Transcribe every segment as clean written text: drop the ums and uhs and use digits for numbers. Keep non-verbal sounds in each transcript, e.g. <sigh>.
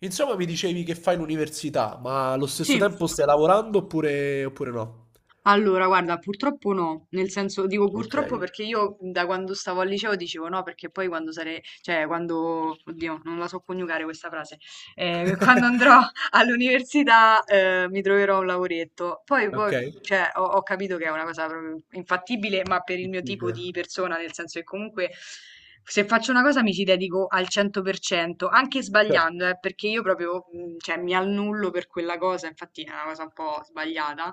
Insomma, mi dicevi che fai l'università, ma allo Sì. stesso tempo stai lavorando oppure no? Allora, guarda, purtroppo no, nel senso dico Ok, purtroppo perché io da quando stavo al liceo dicevo no, perché poi quando sarei, cioè quando, oddio, non la so coniugare questa frase, <laughs> quando andrò all'università mi troverò un lavoretto. Poi, ok, cioè, ho capito che è una cosa proprio infattibile, ma per il mio tipo difficile. di persona, nel senso che comunque se faccio una cosa mi ci dedico al 100%, anche Certo. sbagliando, perché io proprio, cioè, mi annullo per quella cosa, infatti è una cosa un po' sbagliata.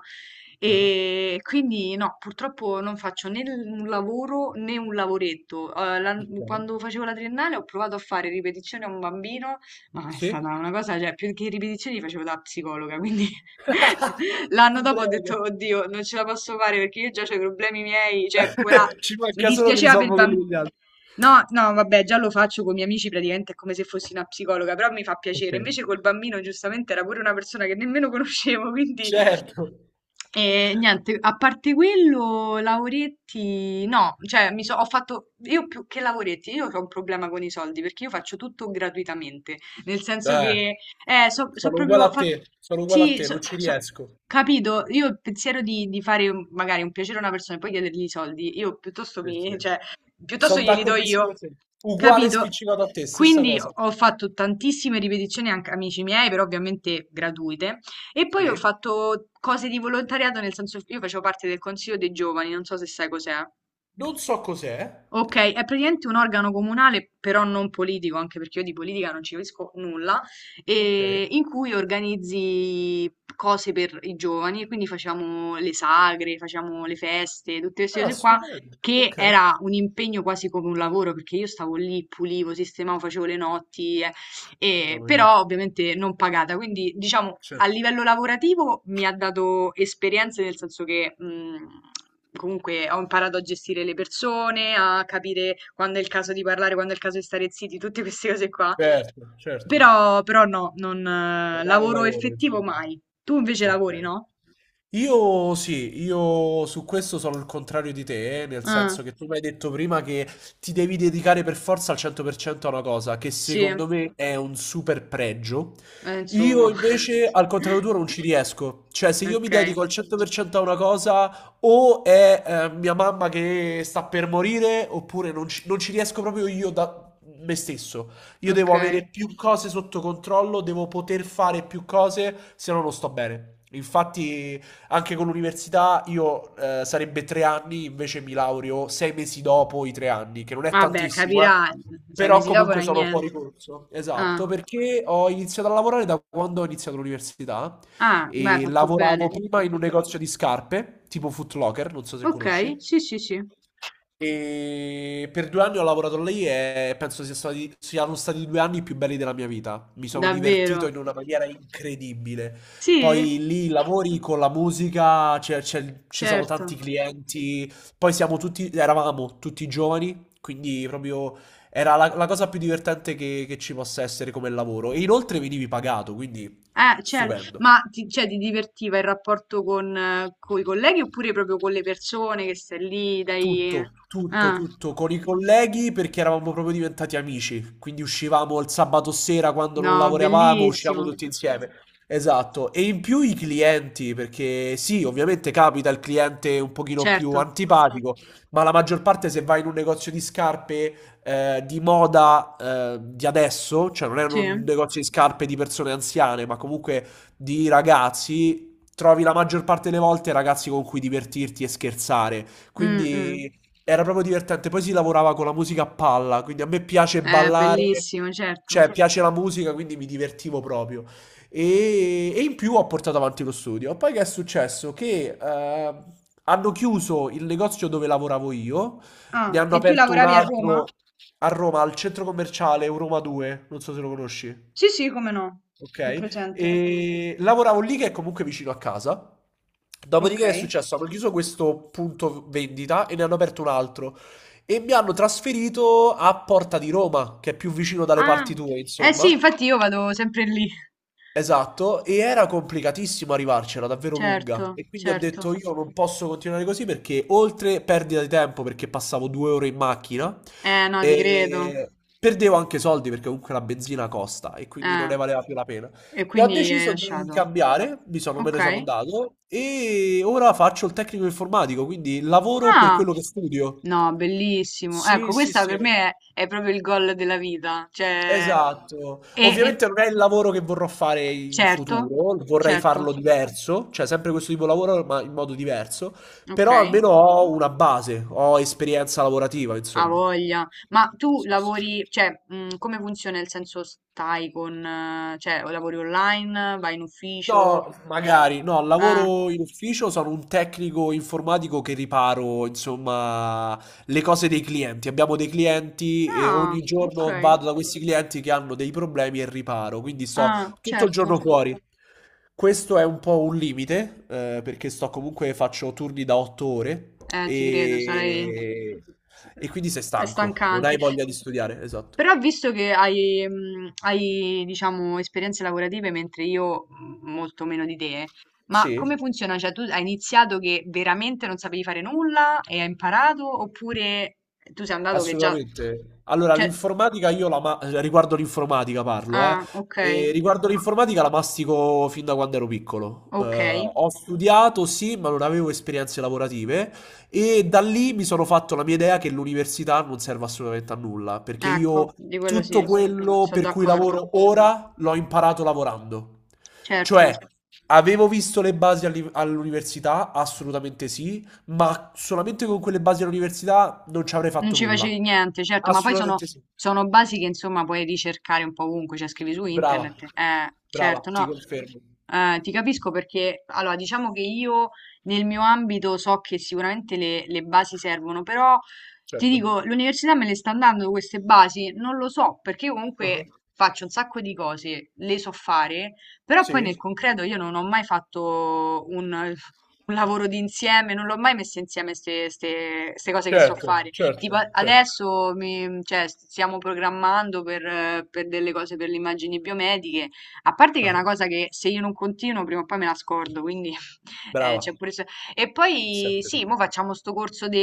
Ah, E quindi no, purtroppo non faccio né un lavoro né un lavoretto. Eh, la- ok. quando facevo la triennale ho provato a fare ripetizioni a un bambino, ma è stata Sì? una cosa, cioè, più che ripetizioni li facevo da psicologa, quindi <laughs> l'anno Ti dopo ho prego. detto, oddio, non ce la posso fare perché io già ho i problemi miei, cioè, ora <laughs> Ci mi manca solo che dispiaceva per il risolvo quelli bambino. degli altri. No, no, vabbè, già lo faccio con i miei amici, praticamente è come se fossi una psicologa, però mi fa Ok. piacere. Invece col bambino, giustamente, era pure una persona che nemmeno <laughs> conoscevo, quindi Certo. e niente, a parte quello, lavoretti, no, cioè mi so, ho fatto, io più che lavoretti, io ho un problema con i soldi perché io faccio tutto gratuitamente, nel senso Eh, che so sono uguale proprio a te, sono uguale a Sì, te, non ci riesco. capito. Io il pensiero di fare magari un piacere a una persona e poi chiedergli i soldi, io piuttosto Sì, mi, sì. cioè, piuttosto Sono glieli do d'accordissimo io, con te. Uguale capito? spiccicato a te, stessa Quindi cosa. ho fatto tantissime ripetizioni anche amici miei, però ovviamente gratuite. E poi ho Sì. fatto cose di volontariato, nel senso io facevo parte del consiglio dei giovani, non so se sai cos'è. Non so cos'è. Okay, è praticamente un organo comunale, però non politico, anche perché io di politica non ci capisco nulla, Ok. In cui organizzi cose per i giovani e quindi facevamo le sagre, facevamo le feste, tutte queste Ah, cose qua, stupendo. che Ok. era un impegno quasi come un lavoro, perché io stavo lì, pulivo, sistemavo, facevo le notti, Mamma però ovviamente non pagata. Quindi diciamo mia. a livello lavorativo mi ha dato esperienze nel senso che comunque ho imparato a gestire le persone, a capire quando è il caso di parlare, quando è il caso di stare zitti, tutte queste cose qua. Certo, certo. Però, no, non Non è un lavoro lavoro effettivo insomma. mai. Tu invece lavori, Okay. no? Io sì, io su questo sono il contrario di te, nel Ah, senso che tu mi hai detto prima che ti devi dedicare per forza al 100% a una cosa, che sì, secondo me è un super pregio. Io insomma. invece, <laughs> al contrario tuo, non ci riesco. Cioè, se io mi Ok, dedico al 100% a una cosa, o è mia mamma che sta per morire, oppure non ci riesco proprio io da me stesso. Io ok. devo avere più cose sotto controllo, devo poter fare più cose, se no non sto bene. Infatti... Anche con l'università io sarebbe 3 anni, invece mi laureo 6 mesi dopo i 3 anni, che non è Vabbè, tantissimo, eh. capirà, sei Però mesi dopo comunque non è sono fuori niente. corso. Ah. Esatto, perché ho iniziato a lavorare da quando ho iniziato l'università Ah, beh, hai e fatto lavoravo bene. prima in un negozio di scarpe, tipo Foot Locker, non so se Ok, conosci. sì, sì, sì. E per 2 anni ho lavorato lì e penso siano stati i 2 anni più belli della mia vita. Mi sono Davvero? divertito in una maniera incredibile. Sì, Poi lì lavori con la musica, ci sono tanti certo. clienti, poi siamo tutti, eravamo tutti giovani, quindi proprio era la cosa più divertente che ci possa essere come lavoro. E inoltre venivi pagato, quindi Certo. stupendo. Ma ti, cioè, ti divertiva il rapporto con i colleghi oppure proprio con le persone che stai lì, dai? Tutto, tutto, Ah, tutto con i colleghi perché eravamo proprio diventati amici, quindi uscivamo il sabato sera quando no, non lavoravamo, uscivamo bellissimo. tutti insieme. Esatto, e in più i clienti, perché sì, ovviamente capita il cliente un pochino più Certo. antipatico, ma la maggior parte se vai in un negozio di scarpe di moda di adesso, cioè non è Sì. un negozio di scarpe di persone anziane, ma comunque di ragazzi, trovi la maggior parte delle volte ragazzi con cui divertirti e scherzare. Mm, mm. Quindi era proprio divertente. Poi si lavorava con la musica a palla, quindi a me piace ballare, Bellissimo, certo. cioè piace la musica, quindi mi divertivo proprio. E in più ho portato avanti lo studio. Poi che è successo? Che hanno chiuso il negozio dove lavoravo io, Ah, ne hanno e tu aperto un lavoravi a Roma? altro a Roma, al centro commerciale Euroma 2, non so se lo conosci. Sì, sì, come no. L'ho Ok, presente. e lavoravo lì che è comunque vicino a casa. Ok. Dopodiché è successo? Hanno chiuso questo punto vendita e ne hanno aperto un altro e mi hanno trasferito a Porta di Roma, che è più vicino dalle Ah, parti tue, eh sì, insomma. infatti io vado sempre lì. Esatto, e era complicatissimo arrivarcela, davvero lunga. Certo, E quindi ho certo. detto io non posso continuare così perché oltre perdita di tempo perché passavo 2 ore in macchina, Eh no, ti credo. e perdevo anche soldi perché comunque la benzina costa e quindi non Eh. ne valeva più la pena. E E ho quindi hai deciso di lasciato. cambiare, mi sono, me ne Ok. sono andato e ora faccio il tecnico informatico, quindi lavoro per Ah, quello che studio. no, bellissimo. Ecco, Sì, sì, questa sì. per No. me è proprio il gol della vita. Cioè, Esatto. e, e- Ovviamente non è il lavoro che vorrò fare in certo, futuro, vorrei certo. farlo diverso, cioè sempre questo tipo di lavoro ma in modo diverso, Ok, però almeno ho una base, ho esperienza lavorativa, ha insomma. voglia. Ma tu Sì, sì. lavori, cioè, come funziona il senso stai con, cioè, o lavori online, vai in ufficio? No, magari, no, Eh. lavoro in ufficio, sono un tecnico informatico che riparo, insomma, le cose dei clienti. Abbiamo dei clienti e Ah, ogni ok. giorno vado da questi clienti che hanno dei problemi e riparo, quindi sto Ah, tutto il certo. giorno fuori. Questo è un po' un limite, perché sto comunque faccio turni da 8 ore Ti credo, e... e quindi sei è stanco, non stancante. hai voglia di studiare, esatto. Però visto che hai, diciamo, esperienze lavorative, mentre io molto meno di te, ma come Sì? funziona? Cioè, tu hai iniziato che veramente non sapevi fare nulla e hai imparato, oppure tu sei andato che già. Assolutamente. Allora, Cioè. l'informatica io riguardo l'informatica parlo, eh. Ah, ok, E riguardo l'informatica la mastico fin da quando ero piccolo. ok, Ho studiato, sì, ma non avevo esperienze lavorative e da lì mi sono fatto la mia idea che l'università non serve assolutamente a nulla, perché ecco, io di quello tutto sì, quello sono per cui d'accordo, lavoro ora l'ho imparato lavorando. certo. Cioè, avevo visto le basi all'università, assolutamente sì, ma solamente con quelle basi all'università non ci avrei Non fatto ci nulla. facevi niente, certo, ma poi sono, Assolutamente sì. sono basi che insomma puoi ricercare un po' ovunque, cioè scrivi su Brava, internet. Brava, Certo, ti no, confermo. Ti capisco perché, allora, diciamo che io nel mio ambito so che sicuramente le basi servono, però ti Certo. dico, l'università me le sta dando queste basi? Non lo so, perché io Ah. comunque faccio un sacco di cose, le so fare, però poi nel Sì? concreto io non ho mai fatto un lavoro d'insieme, non l'ho mai messo insieme queste cose che so Certo, fare. Tipo certo, certo. adesso cioè, stiamo programmando per delle cose per le immagini biomediche, a parte che è Ah. una cosa che se io non continuo prima o poi me la scordo, quindi <laughs> Brava, c'è pure. E è poi sempre sì, così. mo facciamo sto corso di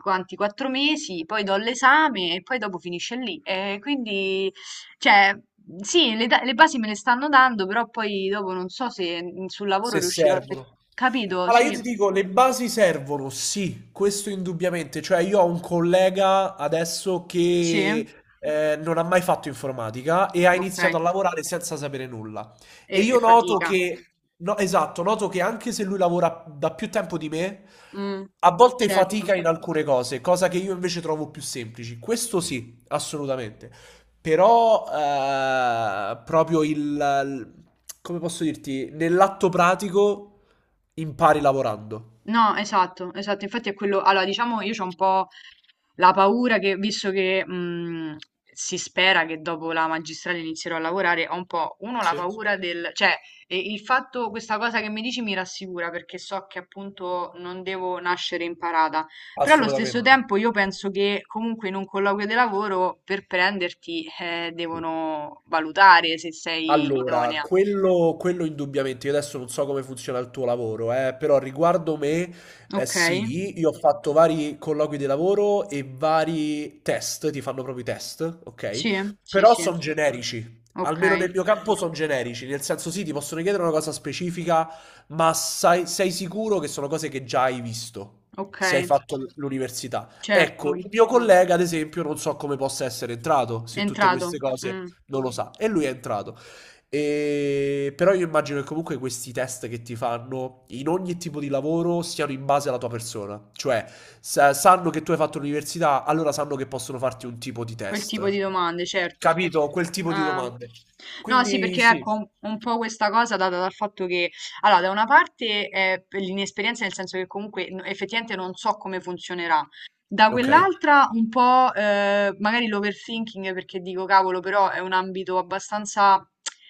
quanti? Quattro mesi, poi do l'esame e poi dopo finisce lì. E quindi, cioè, sì, le basi me le stanno dando, però poi dopo non so se sul lavoro Se riuscirò servono. capito? Allora, io Sì, ti dico, le basi servono, sì, questo indubbiamente. Cioè, io ho un collega adesso sì, che non ha mai fatto informatica e ha iniziato ok. a lavorare senza sapere nulla. e E e io noto fatica. che, no, esatto, noto che anche se lui lavora da più tempo di me, Mh, a volte certo. fatica in alcune cose, cosa che io invece trovo più semplici. Questo sì, assolutamente. Però proprio il- come posso dirti, nell'atto pratico impari lavorando. No, esatto, esatto. Infatti è quello allora diciamo io c'ho un po' la paura che visto che, si spera che dopo la magistrale inizierò a lavorare, ho un po', 1 la Sì. paura del cioè, il fatto questa cosa che mi dici mi rassicura perché so che appunto non devo nascere imparata, però allo Assolutamente. stesso tempo io penso che comunque in un colloquio di lavoro per prenderti, devono valutare se sei Allora, idonea. quello indubbiamente, io adesso non so come funziona il tuo lavoro, però riguardo me, Okay. sì, io ho fatto vari colloqui di lavoro e vari test, ti fanno proprio i test, ok? Sì, sì, Però sì. sono generici, Ok, almeno nel mio campo sono generici, nel senso sì, ti possono chiedere una cosa specifica, ma sei sicuro che sono cose che già hai visto, ok, se hai fatto l'università. Ecco, certo, il mio collega, ad esempio, non so come possa essere entrato, è se tutte queste entrato. cose Mm. non lo sa, e lui è entrato. E... Però io immagino che comunque questi test che ti fanno in ogni tipo di lavoro siano in base alla tua persona. Cioè, sanno che tu hai fatto l'università, allora sanno che possono farti un tipo di Quel tipo test. di domande, certo. Capito? Quel tipo di Ah. domande. No, sì, Quindi perché sì. ecco, un po' questa cosa data dal fatto che, allora, da una parte è per l'inesperienza, nel senso che comunque effettivamente non so come funzionerà, da Ok, quell'altra un po' magari l'overthinking, perché dico, cavolo, però è un ambito abbastanza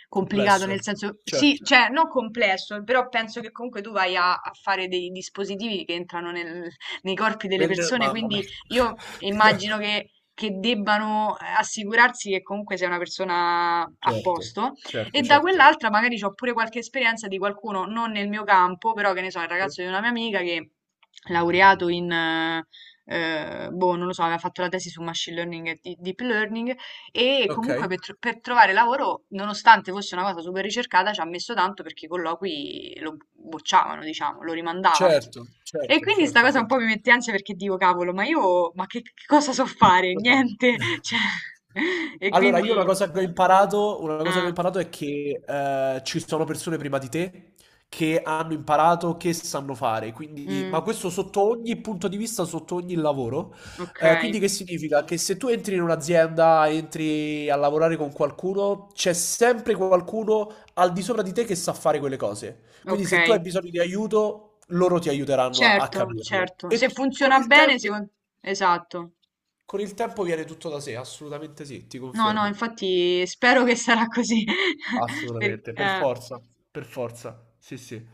complicato, complesso. nel senso, sì, Certo. cioè, non complesso, però penso che comunque tu vai a fare dei dispositivi che entrano nei corpi delle Nel- persone, Mamma quindi mia. io immagino <laughs> che debbano assicurarsi che comunque sia una persona a Certo, posto e certo, da certo. quell'altra magari ho pure qualche esperienza di qualcuno non nel mio campo, però che ne so, il Sì. ragazzo di una mia amica che laureato in boh, non lo so, aveva fatto la tesi su machine learning e deep learning e Ok. comunque per, per trovare lavoro, nonostante fosse una cosa super ricercata, ci ha messo tanto perché i colloqui lo bocciavano, diciamo, lo rimandavano. Certo, E certo, quindi sta certo, cosa un po' certo. mi mette ansia perché dico, cavolo, ma io, ma che cosa so fare? Come faccio? Niente, <laughs> cioè, e Allora, quindi, io una cosa che ho imparato, una cosa che ho ah, imparato è che ci sono persone prima di te che hanno imparato, che sanno fare, quindi, ma mm, questo sotto ogni punto di vista, sotto ogni lavoro. ok, Quindi che significa? Che se tu entri in un'azienda, entri a lavorare con qualcuno, c'è sempre qualcuno al di sopra di te che sa fare quelle cose. Quindi ok, se tu hai bisogno di aiuto, loro ti aiuteranno a certo, capirlo. certo, E se con funziona il tempo... bene, secondo. Esatto, Con il tempo viene tutto da sé, assolutamente sì, ti no, no, confermo. infatti spero che sarà così, <laughs> per- Assolutamente, per eh. forza, per forza. Sì, sì.